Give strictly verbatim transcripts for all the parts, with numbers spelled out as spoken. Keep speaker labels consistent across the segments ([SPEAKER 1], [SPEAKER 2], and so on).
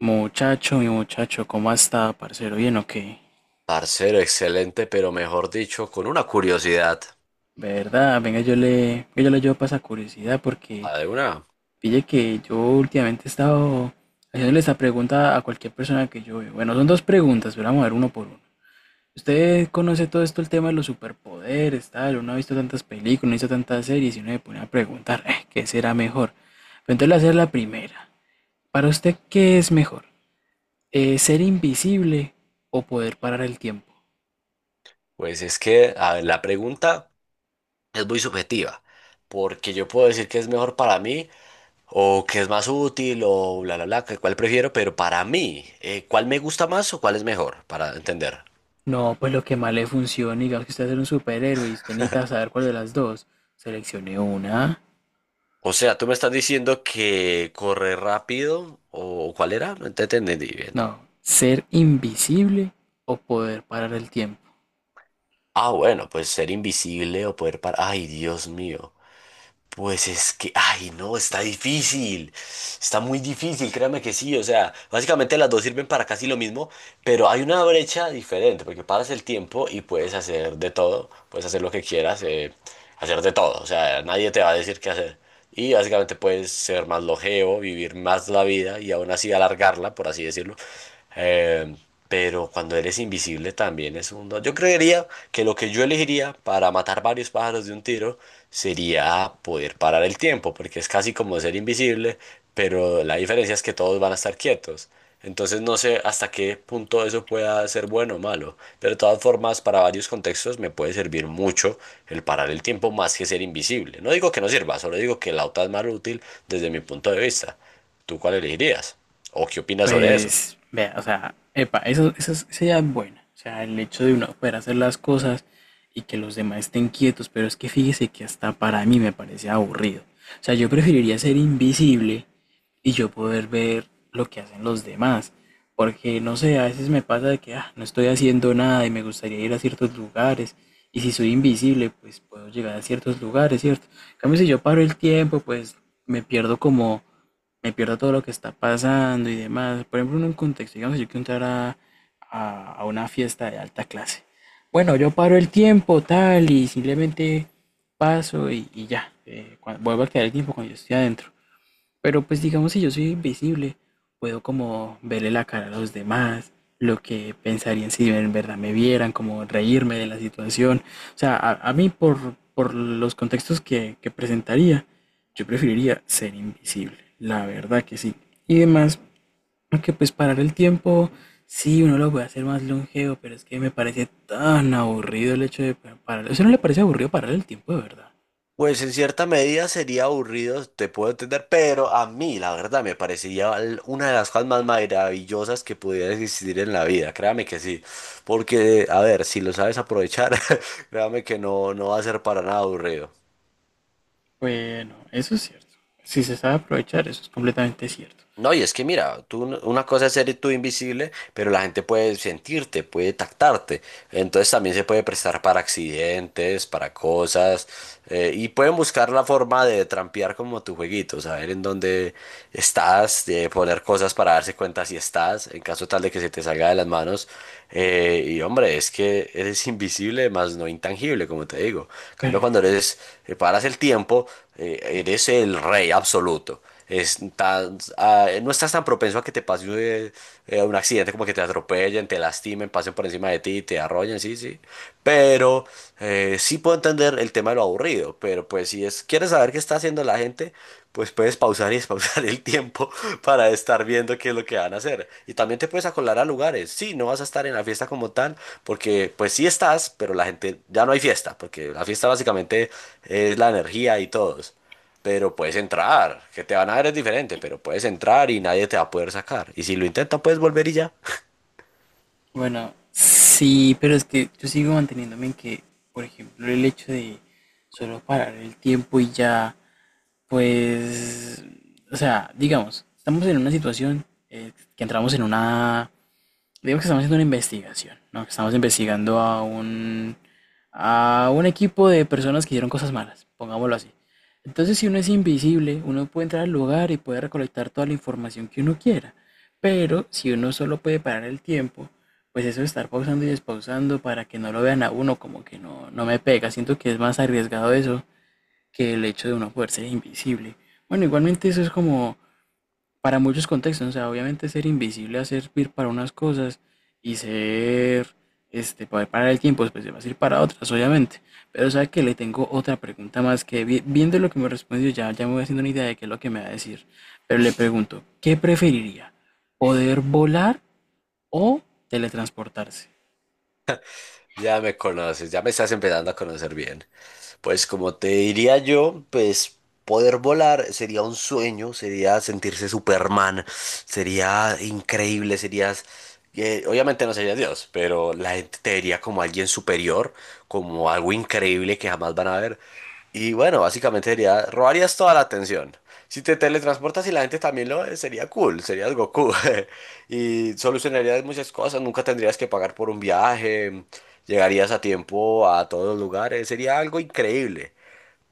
[SPEAKER 1] Muchacho, mi muchacho, ¿cómo está, parcero? ¿Bien o qué?
[SPEAKER 2] Parcero, excelente, pero mejor dicho, con una curiosidad.
[SPEAKER 1] ¿Verdad? Venga, yo le, venga, yo le llevo para esa curiosidad porque
[SPEAKER 2] A ver, una,
[SPEAKER 1] pille que yo últimamente he estado haciéndole esta pregunta a cualquier persona que yo veo. Bueno, son dos preguntas, pero vamos a ver uno por uno. ¿Usted conoce todo esto, el tema de los superpoderes, tal? Uno ha visto tantas películas, no ha visto tantas series y uno se pone a preguntar, "Eh, ¿qué será mejor?" Pero entonces le voy a hacer la primera. ¿Para usted qué es mejor? Eh, ¿ser invisible o poder parar el tiempo?
[SPEAKER 2] pues es que, a ver, la pregunta es muy subjetiva, porque yo puedo decir que es mejor para mí, o que es más útil, o bla, bla, bla, que cuál prefiero, pero para mí, eh, ¿cuál me gusta más o cuál es mejor? Para entender.
[SPEAKER 1] No, pues lo que más le funcione, digamos que usted es un superhéroe y usted necesita saber cuál de las dos. Seleccione una.
[SPEAKER 2] O sea, tú me estás diciendo que correr rápido, o ¿cuál era? No te entendí bien.
[SPEAKER 1] No, ser invisible o poder parar el tiempo.
[SPEAKER 2] Ah, bueno, pues ser invisible o poder parar. Ay, Dios mío. Pues es que, ay, no, está difícil. Está muy difícil, créame que sí. O sea, básicamente las dos sirven para casi lo mismo, pero hay una brecha diferente, porque paras el tiempo y puedes hacer de todo, puedes hacer lo que quieras, eh, hacer de todo, o sea, nadie te va a decir qué hacer. Y básicamente puedes ser más longevo, vivir más la vida y aún así alargarla, por así decirlo. Eh, pero cuando eres invisible también es un don. Yo creería que lo que yo elegiría para matar varios pájaros de un tiro sería poder parar el tiempo, porque es casi como ser invisible, pero la diferencia es que todos van a estar quietos. Entonces no sé hasta qué punto eso pueda ser bueno o malo, pero de todas formas para varios contextos me puede servir mucho el parar el tiempo más que ser invisible. No digo que no sirva, solo digo que la otra es más útil desde mi punto de vista. ¿Tú cuál elegirías? ¿O qué opinas sobre eso?
[SPEAKER 1] Pues, vea, o sea, epa, eso, eso es- esa idea es buena. O sea, el hecho de uno poder hacer las cosas y que los demás estén quietos, pero es que fíjese que hasta para mí me parece aburrido. O sea, yo preferiría ser invisible y yo poder ver lo que hacen los demás. Porque no sé, a veces me pasa de que ah, no estoy haciendo nada y me gustaría ir a ciertos lugares. Y si soy invisible, pues puedo llegar a ciertos lugares, ¿cierto? En cambio, si yo paro el tiempo, pues me pierdo como, me pierdo todo lo que está pasando y demás. Por ejemplo, en un contexto, digamos, yo quiero entrar a, a, a una fiesta de alta clase. Bueno, yo paro el tiempo, tal, y simplemente paso y, y ya. Eh, cua- vuelvo a quedar el tiempo cuando yo estoy adentro. Pero pues digamos si yo soy invisible, puedo como verle la cara a los demás, lo que pensarían si en verdad me vieran, como reírme de la situación. O sea, a, a mí por, por los contextos que, que presentaría, yo preferiría ser invisible, la verdad que sí. Y además, aunque pues parar el tiempo, sí, uno lo puede hacer más longevo, pero es que me parece tan aburrido el hecho de pa- parar. ¿A usted no le parece aburrido parar el tiempo de verdad?
[SPEAKER 2] Pues en cierta medida sería aburrido, te puedo entender, pero a mí la verdad me parecería l- una de las cosas más maravillosas que pudiera existir en la vida, créame que sí, porque a ver, si lo sabes aprovechar, créame que no, no va a ser para nada aburrido.
[SPEAKER 1] Bueno, eso es cierto. Si se sabe aprovechar, eso es completamente cierto.
[SPEAKER 2] No, y es que mira, tú, una cosa es ser tú invisible, pero la gente puede sentirte, puede tactarte. Entonces también se puede prestar para accidentes, para cosas, eh, y pueden buscar la forma de trampear como tu jueguito, saber en dónde estás, de poner cosas para darse cuenta si estás, en caso tal de que se te salga de las manos. Eh, y hombre, es que eres invisible, más no intangible, como te digo. En
[SPEAKER 1] Pero,
[SPEAKER 2] cambio, cuando eres, eh, paras el tiempo, eh, eres el rey absoluto está- ah, no estás tan propenso a que te pase eh, eh, un accidente como que te atropellen, te lastimen, pasen por encima de ti, te arrollen, sí, sí. Pero eh, sí puedo entender el tema de lo aburrido, pero pues si es, quieres saber qué está haciendo la gente, pues puedes pausar y despausar el tiempo para estar viendo qué es lo que van a hacer. Y también te puedes acolar a lugares. Sí, no vas a estar en la fiesta como tal, porque pues sí estás, pero la gente, ya no hay fiesta, porque la fiesta básicamente es la energía y todos, pero puedes entrar, que te van a ver es diferente, pero puedes entrar y nadie te va a poder sacar. Y si lo intentas, puedes volver y ya.
[SPEAKER 1] bueno, sí, pero es que yo sigo manteniéndome en que, por ejemplo, el hecho de solo parar el tiempo y ya, pues, o sea, digamos, estamos en una situación eh, que entramos en una Digamos que estamos haciendo una investigación, ¿no? Que estamos investigando a un, a un equipo de personas que hicieron cosas malas, pongámoslo así. Entonces, si uno es invisible, uno puede entrar al lugar y puede recolectar toda la información que uno quiera. Pero si uno solo puede parar el tiempo, pues eso de estar pausando y despausando para que no lo vean a uno, como que no, no me pega. Siento que es más arriesgado eso que el hecho de uno poder ser invisible. Bueno, igualmente eso es como para muchos contextos, o sea, obviamente ser invisible va a servir para unas cosas y ser, este, poder parar el tiempo, después va a ir para otras, obviamente. Pero sabe que le tengo otra pregunta más que vi- viendo lo que me respondió ya, ya me voy haciendo una idea de qué es lo que me va a decir. Pero le pregunto, ¿qué preferiría? ¿Poder volar o teletransportarse?
[SPEAKER 2] Ya me conoces, ya me estás empezando a conocer bien. Pues como te diría yo, pues poder volar sería un sueño, sería sentirse Superman, sería increíble, serías... eh, obviamente no serías Dios, pero la gente te vería como alguien superior, como algo increíble que jamás van a ver. Y bueno, básicamente sería, robarías toda la atención. Si te teletransportas y la gente también lo ve, sería cool, serías Goku. Y solucionarías muchas cosas, nunca tendrías que pagar por un viaje, llegarías a tiempo a todos los lugares, sería algo increíble.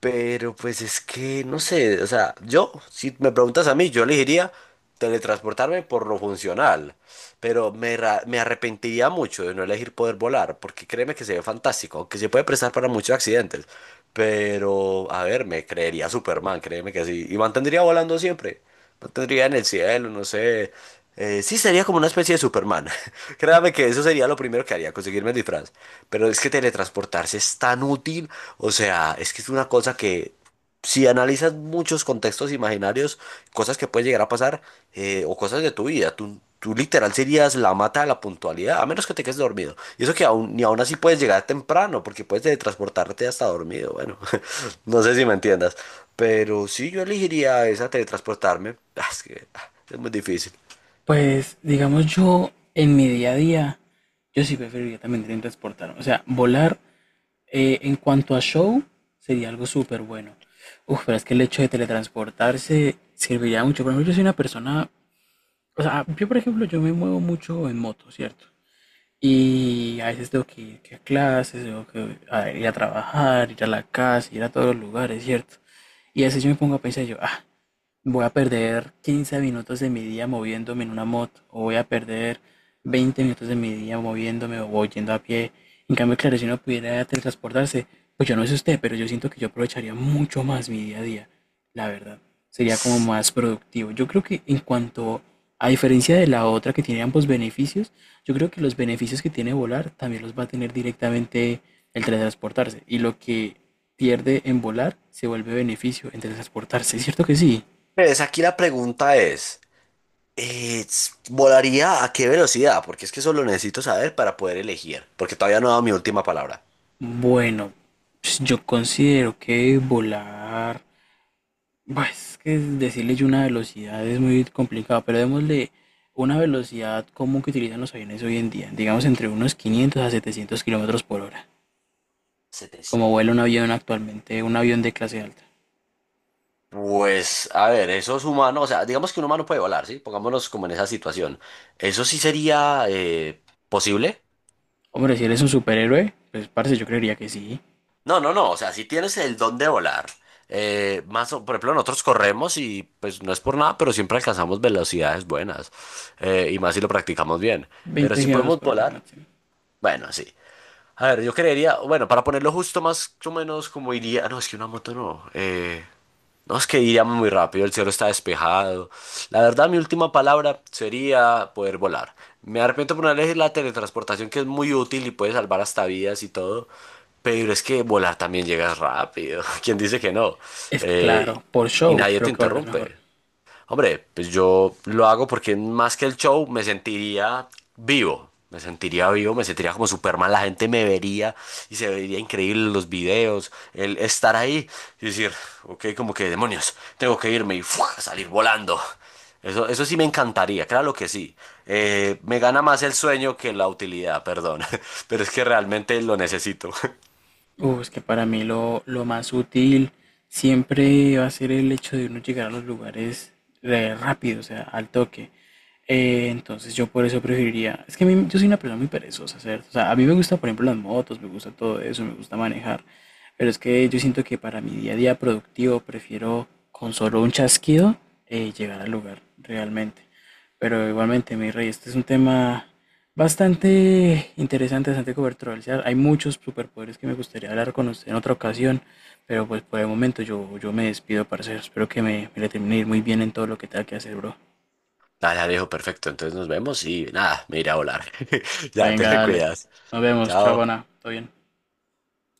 [SPEAKER 2] Pero pues es que, no sé, o sea, yo, si me preguntas a mí, yo elegiría teletransportarme por lo funcional, pero me, ra- me arrepentiría mucho de no elegir poder volar, porque créeme que se ve fantástico, aunque se puede prestar para muchos accidentes. Pero, a ver, me creería Superman, créeme que sí. Y mantendría volando siempre. Mantendría en el cielo, no sé. Eh, sí, sería como una especie de Superman. Créame que eso sería lo primero que haría, conseguirme el disfraz. Pero es que teletransportarse es tan útil. O sea, es que es una cosa que si analizas muchos contextos imaginarios, cosas que pueden llegar a pasar, eh, o cosas de tu vida, tú, tú literal serías la mata de la puntualidad, a menos que te quedes dormido. Y eso que aún, ni aún así puedes llegar temprano, porque puedes teletransportarte hasta dormido. Bueno, no sé si me entiendas, pero sí yo elegiría esa teletransportarme. Ah, Es que ah, es muy difícil.
[SPEAKER 1] Pues, digamos yo, en mi día a día, yo sí preferiría también teletransportarme. O sea, volar Eh, en cuanto a show, sería algo súper bueno. Uf, pero es que el hecho de teletransportarse serviría mucho. Por ejemplo, yo soy una persona, o sea, yo por ejemplo, yo me muevo mucho en moto, ¿cierto? Y a veces tengo que ir que a clases, tengo que a- ir a trabajar, ir a la casa, ir a todos los lugares, ¿cierto? Y a veces yo me pongo a pensar yo, ah, voy a perder quince minutos de mi día moviéndome en una moto, o voy a perder veinte minutos de mi día moviéndome o yendo a pie. En cambio, claro, si uno pudiera teletransportarse, pues yo no sé usted, pero yo siento que yo aprovecharía mucho más mi día a día, la verdad. Sería como más productivo. Yo creo que en cuanto, a diferencia de la otra que tiene ambos beneficios, yo creo que los beneficios que tiene volar también los va a tener directamente el teletransportarse. Y lo que pierde en volar se vuelve beneficio en teletransportarse, ¿cierto que sí?
[SPEAKER 2] Pues aquí la pregunta es, eh, s- ¿volaría a qué velocidad? Porque es que eso lo necesito saber para poder elegir, porque todavía no he dado mi última palabra.
[SPEAKER 1] Bueno, pues, yo considero que volar, bah, es que decirle yo una velocidad es muy complicado, pero démosle una velocidad común que utilizan los aviones hoy en día, digamos entre unos quinientos a setecientos kilómetros por hora, como vuela
[SPEAKER 2] Setecientos.
[SPEAKER 1] un avión actualmente, un avión de clase alta.
[SPEAKER 2] Pues, a ver, esos humanos, o sea, digamos que un humano puede volar, ¿sí? Pongámonos como en esa situación. ¿Eso sí sería, eh, posible?
[SPEAKER 1] Hombre, si eres un superhéroe, pues parce, yo creería que sí,
[SPEAKER 2] No, no, no, o sea, si tienes el don de volar, eh, más, o- por ejemplo, nosotros corremos y pues no es por nada, pero siempre alcanzamos velocidades buenas, eh, y más si lo practicamos bien. Pero
[SPEAKER 1] veinte
[SPEAKER 2] si
[SPEAKER 1] kilómetros
[SPEAKER 2] podemos
[SPEAKER 1] por hora
[SPEAKER 2] volar,
[SPEAKER 1] máximo.
[SPEAKER 2] bueno, sí. A ver, yo creería, bueno, para ponerlo justo más o menos como iría, no, es que una moto no. eh, No, es que iríamos muy rápido, el cielo está despejado. La verdad, mi última palabra sería poder volar. Me arrepiento por no elegir la teletransportación, que es muy útil y puede salvar hasta vidas y todo. Pero es que volar también llegas rápido. ¿Quién dice que no?
[SPEAKER 1] Es que
[SPEAKER 2] Eh,
[SPEAKER 1] claro, por
[SPEAKER 2] y
[SPEAKER 1] show
[SPEAKER 2] nadie te
[SPEAKER 1] creo que volarás mejor.
[SPEAKER 2] interrumpe. Hombre, pues yo lo hago porque más que el show me sentiría vivo, me sentiría vivo, me sentiría como Superman, la gente me vería y se vería increíble los videos, el estar ahí y decir, ok, como que demonios, tengo que irme y ¡fua! Salir volando. Eso, eso sí me encantaría, claro que sí. Eh, me gana más el sueño que la utilidad, perdón, pero es que realmente lo necesito.
[SPEAKER 1] Uh, es que para mí lo, lo más útil siempre va a ser el hecho de uno llegar a los lugares eh, rápido, o sea, al toque. Eh, entonces yo por eso preferiría, es que a mí- yo soy una persona muy perezosa, ¿cierto? O sea, a mí me gusta, por ejemplo, las motos, me gusta todo eso, me gusta manejar, pero es que yo siento que para mi día a día productivo prefiero con solo un chasquido eh, llegar al lugar realmente. Pero igualmente, mi rey, este es un tema bastante interesante, bastante controversial. Hay muchos superpoderes que me gustaría hablar con usted en otra ocasión, pero pues por el momento yo, yo me despido, parcero. Espero que me, me le termine de ir muy bien en todo lo que tenga que hacer, bro.
[SPEAKER 2] Dale, Alejo, perfecto, entonces nos vemos y nada, me iré a volar. Ya, te
[SPEAKER 1] Venga,
[SPEAKER 2] me
[SPEAKER 1] dale.
[SPEAKER 2] cuidas.
[SPEAKER 1] Nos vemos. Chao,
[SPEAKER 2] Chao.
[SPEAKER 1] buena. Todo bien.